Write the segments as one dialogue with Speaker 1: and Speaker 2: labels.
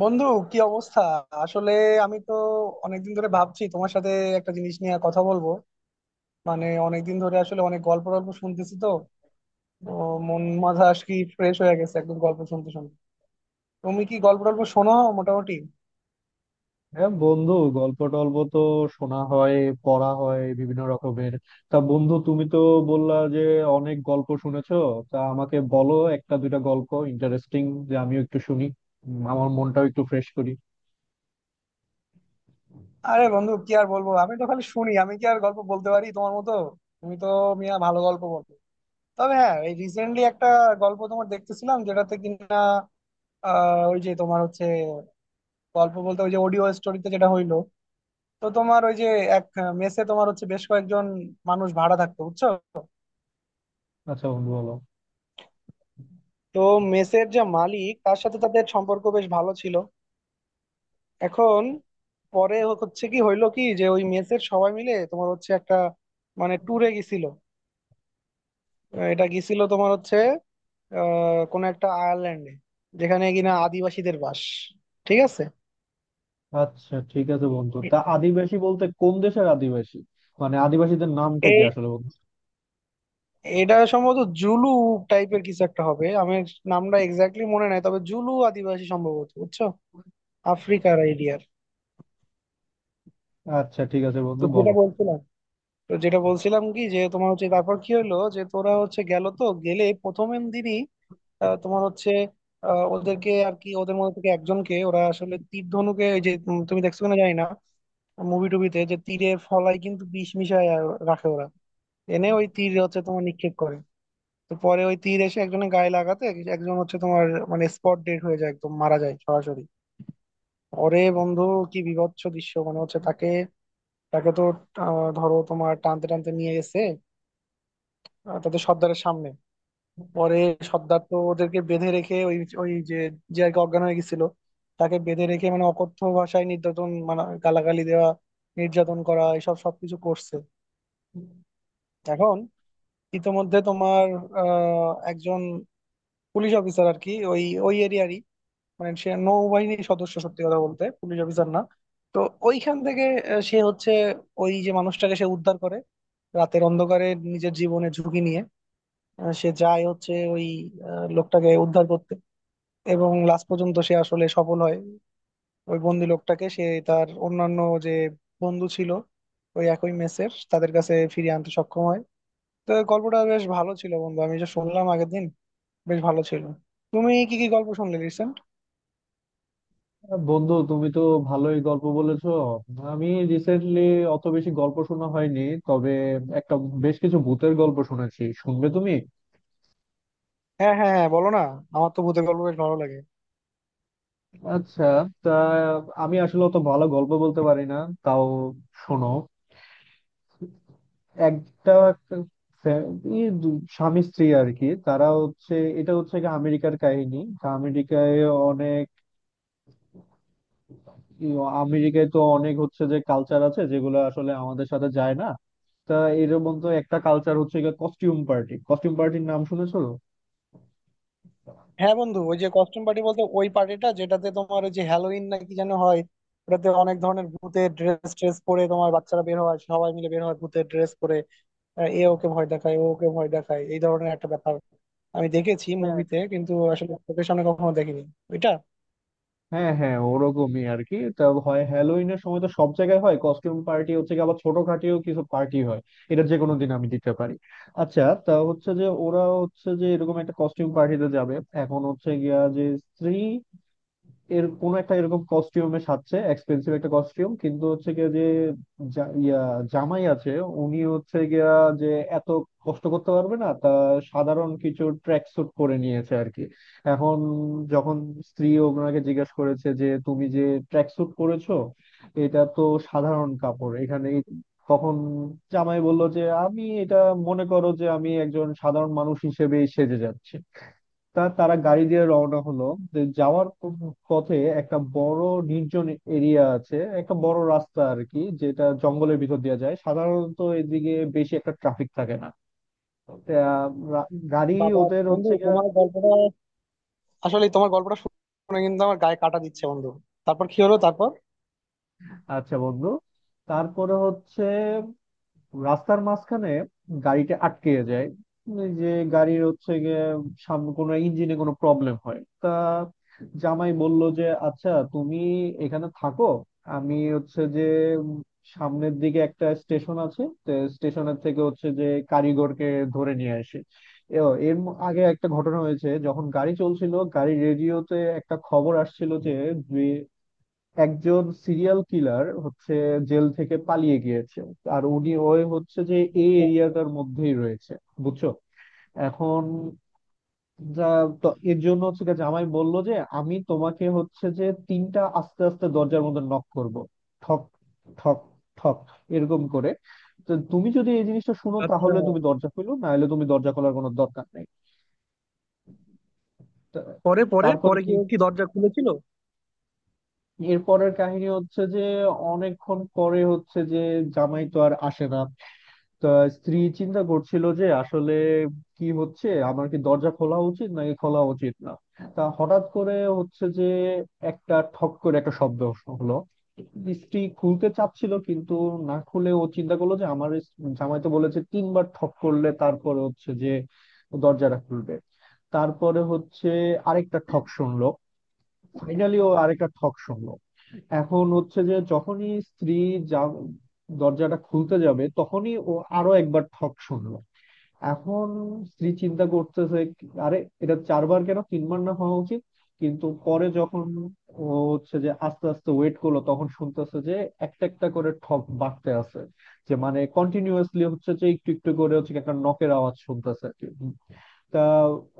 Speaker 1: বন্ধু, কি অবস্থা? আসলে আমি তো অনেকদিন ধরে ভাবছি তোমার সাথে একটা জিনিস নিয়ে কথা বলবো। মানে অনেকদিন ধরে আসলে অনেক গল্প টল্প শুনতেছি তো। তো মন মাথা আজ কি ফ্রেশ হয়ে গেছে একদম গল্প শুনতে শুনতে। তুমি কি গল্প টল্প শোনো? মোটামুটি।
Speaker 2: হ্যাঁ বন্ধু, গল্প টল্প তো শোনা হয়, পড়া হয় বিভিন্ন রকমের। তা বন্ধু, তুমি তো বললা যে অনেক গল্প শুনেছো। তা আমাকে বলো একটা দুইটা গল্প ইন্টারেস্টিং, যে আমিও একটু শুনি, আমার মনটাও একটু ফ্রেশ করি।
Speaker 1: আরে বন্ধু কি আর বলবো, আমি তো খালি শুনি, আমি কি আর গল্প বলতে পারি তোমার মতো? তুমি তো মিয়া ভালো গল্প বলো। তবে হ্যাঁ, এই রিসেন্টলি একটা গল্প তোমার দেখতেছিলাম যেটাতে কিনা ওই যে তোমার হচ্ছে গল্প বলতে ওই যে অডিও স্টোরিতে যেটা হইলো, তো তোমার ওই যে এক মেসে তোমার হচ্ছে বেশ কয়েকজন মানুষ ভাড়া থাকতো বুঝছো।
Speaker 2: আচ্ছা বন্ধু, বলো।
Speaker 1: তো মেসের যে মালিক তার সাথে তাদের সম্পর্ক বেশ ভালো ছিল। এখন পরে হচ্ছে কি হইলো কি, যে ওই মেসের সবাই মিলে তোমার হচ্ছে একটা মানে ট্যুরে গেছিল। এটা গেছিল তোমার হচ্ছে কোনো একটা আয়ারল্যান্ডে, যেখানে কিনা আদিবাসীদের বাস। ঠিক আছে।
Speaker 2: আচ্ছা ঠিক আছে বন্ধু, তা আদিবাসী বলতে কোন দেশের আদিবাসী? মানে আদিবাসীদের নামটা কি
Speaker 1: এই
Speaker 2: আসলে বন্ধু?
Speaker 1: এটা সম্ভবত জুলু টাইপের কিছু একটা হবে। আমি নামটা এক্স্যাক্টলি মনে নাই, তবে জুলু আদিবাসী সম্ভবত, বুঝছো, আফ্রিকার আইডিয়া।
Speaker 2: আচ্ছা ঠিক আছে
Speaker 1: তো
Speaker 2: বন্ধু, বলো।
Speaker 1: যেটা বলছিলাম, কি যে তোমার হচ্ছে তারপর কি হলো যে তোরা হচ্ছে গেল, তো গেলে প্রথমের দিনই তোমার হচ্ছে ওদেরকে আর কি, ওদের মধ্যে থেকে একজনকে ওরা আসলে তীর ধনুকে, ওই যে তুমি তুমি দেখছো কিনা জানি না মুভি টুবিতে, যে তীরের ফলায় কিন্তু বিষ মিশায় আর রাখে ওরা, এনে ওই তীর হচ্ছে তোমার নিক্ষেপ করে। তো পরে ওই তীর এসে একজনের গায়ে লাগাতে একজন হচ্ছে তোমার মানে স্পট ডেড হয়ে যায়, একদম মারা যায় সরাসরি। ওরে বন্ধু, কি বীভৎস দৃশ্য! মানে হচ্ছে তাকে, তাকে তো ধরো তোমার টানতে টানতে নিয়ে গেছে তাদের সর্দারের সামনে। পরে সর্দার তো ওদেরকে বেঁধে রেখে ওই, ওই যে, যে আর কি অজ্ঞান হয়ে গেছিল তাকে বেঁধে রেখে মানে অকথ্য ভাষায় নির্যাতন, মানে গালাগালি দেওয়া, নির্যাতন করা, এসব সবকিছু করছে। এখন ইতোমধ্যে তোমার একজন পুলিশ অফিসার আর কি, ওই ওই এরিয়ারই, মানে সে নৌবাহিনীর সদস্য, সত্যি কথা বলতে পুলিশ অফিসার না। তো ওইখান থেকে সে হচ্ছে ওই যে মানুষটাকে সে উদ্ধার করে রাতের অন্ধকারে, নিজের জীবনে ঝুঁকি নিয়ে সে যায় হচ্ছে ওই লোকটাকে উদ্ধার করতে, এবং লাস্ট পর্যন্ত সে আসলে সফল হয়। ওই বন্দি লোকটাকে সে তার অন্যান্য যে বন্ধু ছিল ওই একই মেসের, তাদের কাছে ফিরিয়ে আনতে সক্ষম হয়। তো গল্পটা বেশ ভালো ছিল বন্ধু, আমি যে শুনলাম আগের দিন, বেশ ভালো ছিল। তুমি কি কি গল্প শুনলে রিসেন্ট?
Speaker 2: বন্ধু, তুমি তো ভালোই গল্প বলেছো। আমি রিসেন্টলি অত বেশি গল্প শোনা হয়নি, তবে একটা, বেশ কিছু ভূতের গল্প শুনেছি। শুনবে তুমি?
Speaker 1: হ্যাঁ হ্যাঁ হ্যাঁ, বলো না, আমার তো ভূতের গল্প বেশ ভালো লাগে।
Speaker 2: আচ্ছা, তা আমি আসলে অত ভালো গল্প বলতে পারি না, তাও শোনো। একটা ফ্যা- স্বামী স্ত্রী আর কি, তারা হচ্ছে, এটা হচ্ছে কি আমেরিকার কাহিনী। তা আমেরিকায় অনেক, আমেরিকায় তো অনেক হচ্ছে যে কালচার আছে যেগুলো আসলে আমাদের সাথে যায় না। তা এর মধ্যে একটা কালচার হচ্ছে কস্টিউম পার্টি। কস্টিউম পার্টির নাম শুনেছো?
Speaker 1: হ্যাঁ বন্ধু, ওই যে কস্টিউম পার্টি বলতে ওই পার্টিটা যেটাতে তোমার ওই যে হ্যালোইন না কি যেন হয়, ওটাতে অনেক ধরনের ভূতের ড্রেস ট্রেস পরে তোমার বাচ্চারা বের হয়, সবাই মিলে বের হয় ভূতের ড্রেস পরে। এ ওকে ভয় দেখায়, ও ওকে ভয় দেখায়, এই ধরনের একটা ব্যাপার আমি দেখেছি
Speaker 2: হ্যাঁ,
Speaker 1: মুভিতে, কিন্তু আসলে চোখের সামনে কখনো দেখিনি ওইটা।
Speaker 2: হ্যাঁ, হ্যাঁ, ওরকমই আর কি। তা হয় হ্যালোইনের সময়, তো সব জায়গায় হয় কস্টিউম পার্টি হচ্ছে গিয়ে, আবার ছোটখাটিও কিছু পার্টি হয়। এটা যে কোনো দিন আমি দিতে পারি। আচ্ছা, তা হচ্ছে যে ওরা হচ্ছে যে এরকম একটা কস্টিউম পার্টিতে যাবে। এখন হচ্ছে গিয়া যে স্ত্রী এর কোন একটা এরকম কস্টিউমে সাজছে, এক্সপেন্সিভ একটা কস্টিউম। কিন্তু হচ্ছে গিয়ে যে জা- ইয়া জামাই আছে, উনি হচ্ছে গিয়া যে এত কষ্ট করতে পারবে না। তা সাধারণ কিছু ট্র্যাক স্যুট পরে নিয়েছে আর কি। এখন যখন স্ত্রী ওনাকে জিজ্ঞেস করেছে যে তুমি যে ট্র্যাক স্যুট পরেছো, এটা তো সাধারণ কাপড় এখানে তখন জামাই বলল যে আমি এটা, মনে করো যে আমি একজন সাধারণ মানুষ হিসেবেই সেজে যাচ্ছি। তা তারা গাড়ি দিয়ে রওনা হলো, যে যাওয়ার পথে একটা বড় নির্জন এরিয়া আছে, একটা বড় রাস্তা আর কি, যেটা জঙ্গলের ভিতর দিয়ে যায়। সাধারণত এদিকে বেশি একটা ট্রাফিক থাকে না। তা, রা- গাড়ি
Speaker 1: বাবা!
Speaker 2: ওদের
Speaker 1: বন্ধু
Speaker 2: হচ্ছে গিয়ে,
Speaker 1: তোমার গল্পটা, আসলে তোমার গল্পটা শুনে কিন্তু আমার গায়ে কাটা দিচ্ছে বন্ধু। তারপর কি হলো, তারপর?
Speaker 2: আচ্ছা বন্ধু, তারপরে হচ্ছে রাস্তার মাঝখানে গাড়িটা আটকে যায়। এই যে গাড়ির হচ্ছে গিয়ে সামনে কোনো ইঞ্জিনে কোনো প্রবলেম হয়। তা জামাই বলল যে আচ্ছা তুমি এখানে থাকো, আমি হচ্ছে যে, উম, সামনের দিকে একটা স্টেশন আছে, স্টেশনের থেকে হচ্ছে যে কারিগরকে ধরে নিয়ে আসি। এও আগে একটা ঘটনা হয়েছে, যখন গাড়ি চলছিল গাড়ি রেডিওতে একটা খবর আসছিল যে একজন সিরিয়াল কিলার হচ্ছে জেল থেকে পালিয়ে গিয়েছে, আর উনি ওই হচ্ছে যে এই এরিয়াটার মধ্যেই রয়েছে, বুঝছো। এখন যা, তো এর জন্য হচ্ছে কি জামাই বললো যে আমি তোমাকে হচ্ছে যে তিনটা আস্তে আস্তে দরজার মধ্যে নক করব। ঠক, ঠক, ঠক, এরকম করে। তো তুমি যদি এই জিনিসটা শুনো
Speaker 1: আচ্ছা,
Speaker 2: তাহলে তুমি দরজা খুলো, না হলে তুমি দরজা খোলার কোনো দরকার নেই। তো
Speaker 1: পরে পরে
Speaker 2: তারপরে
Speaker 1: পরে
Speaker 2: কি,
Speaker 1: কি, ও কি দরজা খুলেছিল?
Speaker 2: এরপরের কাহিনী হচ্ছে যে অনেকক্ষণ পরে হচ্ছে যে জামাই তো আর আসে না। তা স্ত্রী চিন্তা করছিল যে আসলে কি হচ্ছে, আমার কি দরজা খোলা উচিত নাকি খোলা উচিত না। তা হঠাৎ করে হচ্ছে যে একটা ঠক করে একটা শব্দ হলো। স্ত্রী খুলতে চাচ্ছিল কিন্তু না খুলে ও চিন্তা করলো যে আমার এই জামাই তো বলেছে তিনবার ঠক করলে তারপরে হচ্ছে যে দরজাটা খুলবে। তারপরে হচ্ছে আরেকটা ঠক শুনলো, ফাইনালি ও আরেকটা ঠক শুনলো। এখন হচ্ছে যে যখনই স্ত্রী যা দরজাটা খুলতে যাবে তখনই ও আরো একবার ঠক শুনলো। এখন স্ত্রী চিন্তা করতেছে আরে, এটা চারবার কেন, তিনবার না হওয়া উচিত? কিন্তু পরে যখন ও হচ্ছে যে আস্তে আস্তে ওয়েট করলো, তখন শুনতেছে যে একটা একটা করে ঠক বাড়তে আছে। যে মানে কন্টিনিউয়াসলি হচ্ছে যে একটু একটু করে হচ্ছে কি একটা নকের আওয়াজ শুনতেছে আর কি। তা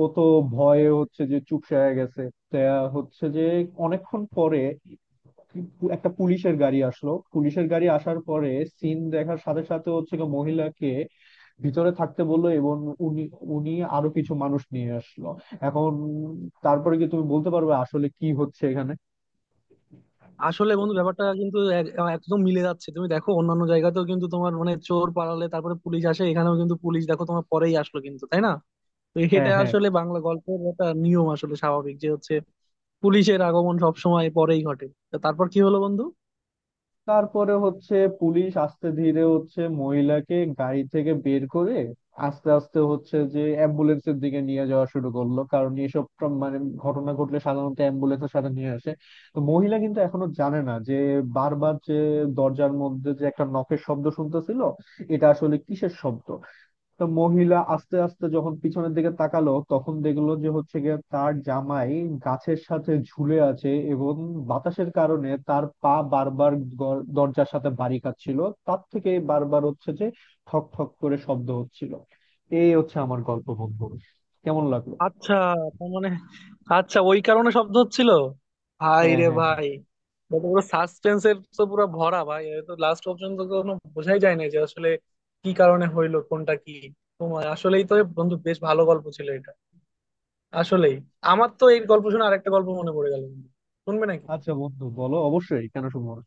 Speaker 2: ও তো ভয়ে হচ্ছে যে চুপসে হয়ে গেছে। তা হচ্ছে যে অনেকক্ষণ পরে একটা পুলিশের গাড়ি আসলো। পুলিশের গাড়ি আসার পরে সিন দেখার সাথে সাথে হচ্ছে গিয়ে মহিলাকে ভিতরে থাকতে বললো, এবং উনি, উনি আরো কিছু মানুষ নিয়ে আসলো। এখন তারপরে কি তুমি বলতে পারবে আসলে কি হচ্ছে এখানে?
Speaker 1: আসলে বন্ধু ব্যাপারটা কিন্তু একদম মিলে যাচ্ছে। তুমি দেখো অন্যান্য জায়গাতেও কিন্তু তোমার মানে চোর পালালে তারপরে পুলিশ আসে, এখানেও কিন্তু পুলিশ দেখো তোমার পরেই আসলো, কিন্তু তাই না? তো
Speaker 2: হ্যাঁ,
Speaker 1: এটা
Speaker 2: হ্যাঁ,
Speaker 1: আসলে বাংলা গল্পের একটা নিয়ম আসলে, স্বাভাবিক যে হচ্ছে পুলিশের আগমন সব সময় পরেই ঘটে। তো তারপর কি হলো বন্ধু?
Speaker 2: তারপরে হচ্ছে পুলিশ আস্তে ধীরে হচ্ছে মহিলাকে গাড়ি থেকে বের করে আস্তে আস্তে হচ্ছে যে অ্যাম্বুলেন্সের দিকে নিয়ে যাওয়া শুরু করলো, কারণ এসব মানে ঘটনা ঘটলে সাধারণত অ্যাম্বুলেন্সের সাথে নিয়ে আসে। তো মহিলা কিন্তু এখনো জানে না যে বারবার যে দরজার মধ্যে যে একটা নখের শব্দ শুনতেছিল, এটা আসলে কিসের শব্দ। তো মহিলা আস্তে আস্তে যখন পিছনের দিকে তাকালো তখন দেখলো যে হচ্ছে গিয়ে তার জামাই গাছের সাথে ঝুলে আছে, এবং বাতাসের কারণে তার পা বারবার দরজার সাথে বাড়ি খাচ্ছিল। তার থেকে বারবার হচ্ছে যে ঠক ঠক করে শব্দ হচ্ছিল। এই হচ্ছে আমার গল্প বন্ধু, কেমন লাগলো?
Speaker 1: আচ্ছা, তার মানে, আচ্ছা ওই কারণে শব্দ হচ্ছিল! ভাই
Speaker 2: হ্যাঁ,
Speaker 1: রে
Speaker 2: হ্যাঁ।
Speaker 1: ভাই! এটা তো পুরো সাসপেন্স এর তো পুরো ভরা ভাই, এটা তো লাস্ট পর্যন্ত কোনো বোঝাই যায় না যে আসলে কি কারণে হইলো কোনটা কি। তোমার আসলেই তো বন্ধু বেশ ভালো গল্প ছিল এটা, আসলেই। আমার তো এই গল্প শুনে আরেকটা গল্প মনে পড়ে গেল বন্ধু। শুনবে নাকি?
Speaker 2: আচ্ছা বন্ধু, বলো, অবশ্যই, কেন শুনবো না?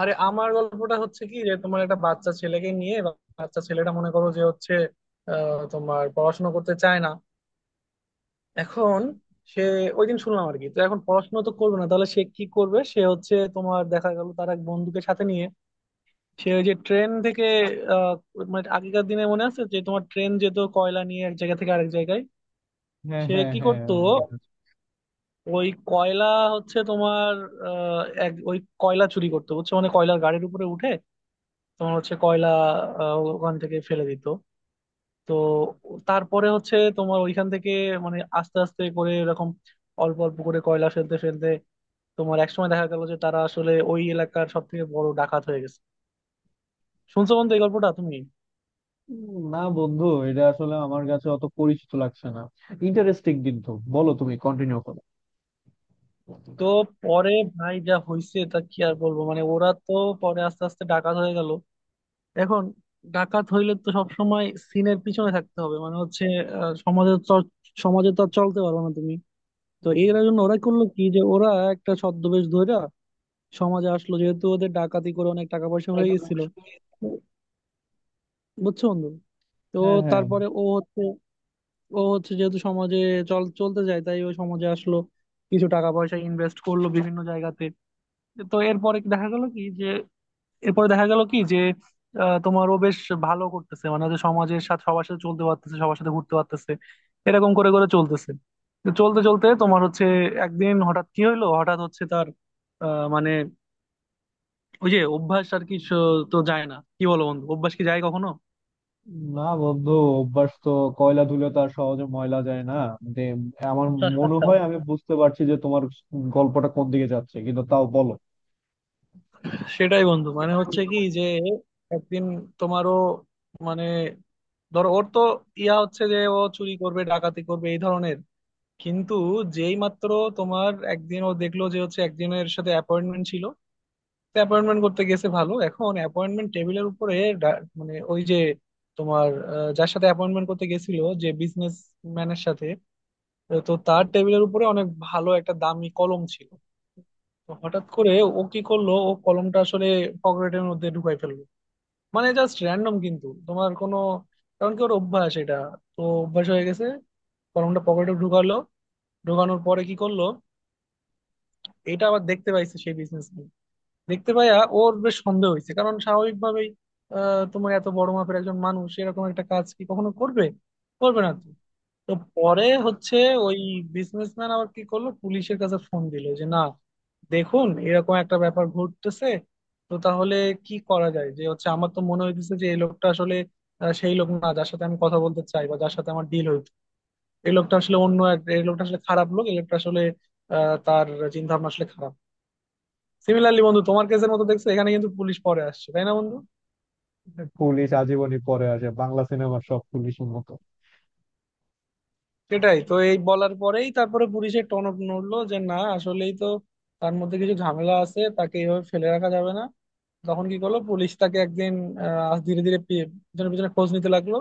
Speaker 1: আরে, আমার গল্পটা হচ্ছে কি যে তোমার একটা বাচ্চা ছেলেকে নিয়ে। বাচ্চা ছেলেটা মনে করো যে হচ্ছে তোমার পড়াশোনা করতে চায় না। এখন সে ওই দিন শুনলাম আর কি, তো এখন পড়াশোনা তো করবে না, তাহলে সে কি করবে? সে হচ্ছে তোমার দেখা গেল তার এক বন্ধুকে সাথে নিয়ে সে ওই যে ট্রেন থেকে আহ, মানে আগেকার দিনে মনে আছে যে তোমার ট্রেন যেত কয়লা নিয়ে এক জায়গা থেকে আরেক জায়গায়,
Speaker 2: হ্যাঁ,
Speaker 1: সে
Speaker 2: হ্যাঁ,
Speaker 1: কি
Speaker 2: হ্যাঁ,
Speaker 1: করতো,
Speaker 2: মনে আছে।
Speaker 1: ওই কয়লা হচ্ছে তোমার এক ওই কয়লা চুরি করতো বুঝছো, মানে কয়লার গাড়ির উপরে উঠে তোমার হচ্ছে কয়লা ওখান থেকে ফেলে দিত। তো তারপরে হচ্ছে তোমার ওইখান থেকে মানে আস্তে আস্তে করে এরকম অল্প অল্প করে কয়লা ফেলতে ফেলতে তোমার একসময় দেখা গেল যে তারা আসলে ওই এলাকার সব থেকে বড় ডাকাত হয়ে গেছে। শুনছো বন্ধু এই গল্পটা তুমি?
Speaker 2: না বন্ধু, এটা আসলে আমার কাছে অত পরিচিত লাগছে না। ইন্টারেস্টিং, কিন্তু বলো, তুমি কন্টিনিউ করো।
Speaker 1: তো পরে ভাই যা হইছে তা কি আর বলবো, মানে ওরা তো পরে আস্তে আস্তে ডাকাত হয়ে গেল। এখন ডাকাত হইলে তো সবসময় সিনের পিছনে থাকতে হবে, মানে হচ্ছে সমাজে সমাজে তো আর চলতে পারবে না তুমি। তো এর জন্য ওরা করলো কি, যে ওরা একটা ছদ্মবেশ ধইরা সমাজে আসলো, যেহেতু ওদের ডাকাতি করে অনেক টাকা পয়সা হয়ে গেছিল, বুঝছো বন্ধু। তো
Speaker 2: হ্যাঁ, হ্যাঁ।
Speaker 1: তারপরে ও হচ্ছে, ও হচ্ছে যেহেতু সমাজে চলতে যায় তাই ও সমাজে আসলো, কিছু টাকা পয়সা ইনভেস্ট করলো বিভিন্ন জায়গাতে। তো এরপরে কি দেখা গেল কি যে, এরপরে দেখা গেল কি যে তোমার ও বেশ ভালো করতেছে, মানে হচ্ছে সমাজের সাথে সবার সাথে চলতে পারতেছে, সবার সাথে ঘুরতে পারতেছে, এরকম করে করে চলতেছে। তো চলতে চলতে তোমার হচ্ছে একদিন হঠাৎ কি হইলো, হঠাৎ হচ্ছে তার মানে ওই যে অভ্যাস আর কি, তো যায় না কি, বলো বন্ধু, অভ্যাস কি যায় কখনো?
Speaker 2: না বন্ধু, অভ্যাস তো, কয়লা ধুলে তো আর সহজে ময়লা যায় না। মানে, আমার মনে হয় আমি বুঝতে পারছি যে তোমার গল্পটা কোন দিকে যাচ্ছে, কিন্তু তাও বলো।
Speaker 1: সেটাই বন্ধু, মানে হচ্ছে কি যে একদিন তোমারও মানে ধরো ওর তো ইয়া হচ্ছে যে ও চুরি করবে ডাকাতি করবে এই ধরনের, কিন্তু যেই মাত্র তোমার একদিন ও দেখলো যে হচ্ছে একজনের সাথে অ্যাপয়েন্টমেন্ট ছিল, অ্যাপয়েন্টমেন্ট করতে গেছে ভালো, এখন অ্যাপয়েন্টমেন্ট টেবিলের উপরে মানে ওই যে তোমার যার সাথে অ্যাপয়েন্টমেন্ট করতে গেছিল, যে বিজনেস ম্যানের সাথে, তো তার টেবিলের উপরে অনেক ভালো একটা দামি কলম ছিল। তো হঠাৎ করে ও কি করলো, ও কলমটা আসলে পকেটের মধ্যে ঢুকাই ফেললো, মানে জাস্ট র্যান্ডম কিন্তু তোমার কোনো কারণ কি, ওর অভ্যাস এটা, তো অভ্যাস হয়ে গেছে। কলমটা পকেটে ঢুকালো, ঢুকানোর পরে কি করলো, এটা আবার দেখতে পাইছে সেই বিজনেস। দেখতে পাইয়া ওর বেশ সন্দেহ হয়েছে, কারণ স্বাভাবিকভাবেই তোমার এত বড় মাপের একজন মানুষ এরকম একটা কাজ কি কখনো করবে, করবে না তো। তো পরে হচ্ছে ওই বিজনেসম্যান আবার কি করলো, পুলিশের কাছে ফোন দিল যে না, দেখুন এরকম একটা ব্যাপার ঘটতেছে, তো তাহলে কি করা যায়, যে হচ্ছে আমার তো মনে হইতেছে যে এই লোকটা আসলে সেই লোক না যার সাথে আমি কথা বলতে চাই বা যার সাথে আমার ডিল হইতো, এই লোকটা আসলে অন্য এক, এই লোকটা আসলে খারাপ লোক, এই লোকটা আসলে তার চিন্তা ভাবনা আসলে খারাপ। সিমিলারলি বন্ধু তোমার কেসের মতো দেখছো, এখানে কিন্তু পুলিশ পরে আসছে তাই না বন্ধু?
Speaker 2: পুলিশ আজীবনই পরে আসে বাংলা সিনেমার সব পুলিশের মতো।
Speaker 1: সেটাই তো, এই বলার পরেই তারপরে পুলিশের টনক নড়লো যে না আসলেই তো তার মধ্যে কিছু ঝামেলা আছে, তাকে এইভাবে ফেলে রাখা যাবে না। তখন কি করলো, পুলিশ তাকে একদিন ধীরে ধীরে পিছনে পিছনে খোঁজ নিতে লাগলো,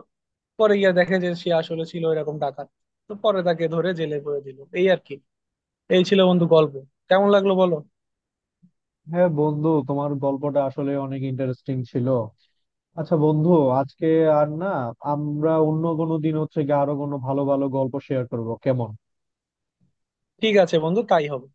Speaker 1: পরে গিয়ে দেখে যে সে আসলে ছিল এরকম ডাকাত। তো পরে তাকে ধরে জেলে পুরে দিল এই আর কি। এই ছিল বন্ধু গল্প, কেমন লাগলো বলো?
Speaker 2: হ্যাঁ বন্ধু, তোমার গল্পটা আসলে অনেক ইন্টারেস্টিং ছিল। আচ্ছা বন্ধু, আজকে আর না। আমরা অন্য কোনো দিন হচ্ছে গিয়ে আরো কোনো ভালো ভালো গল্প শেয়ার করবো, কেমন?
Speaker 1: ঠিক আছে বন্ধু, তাই হবে।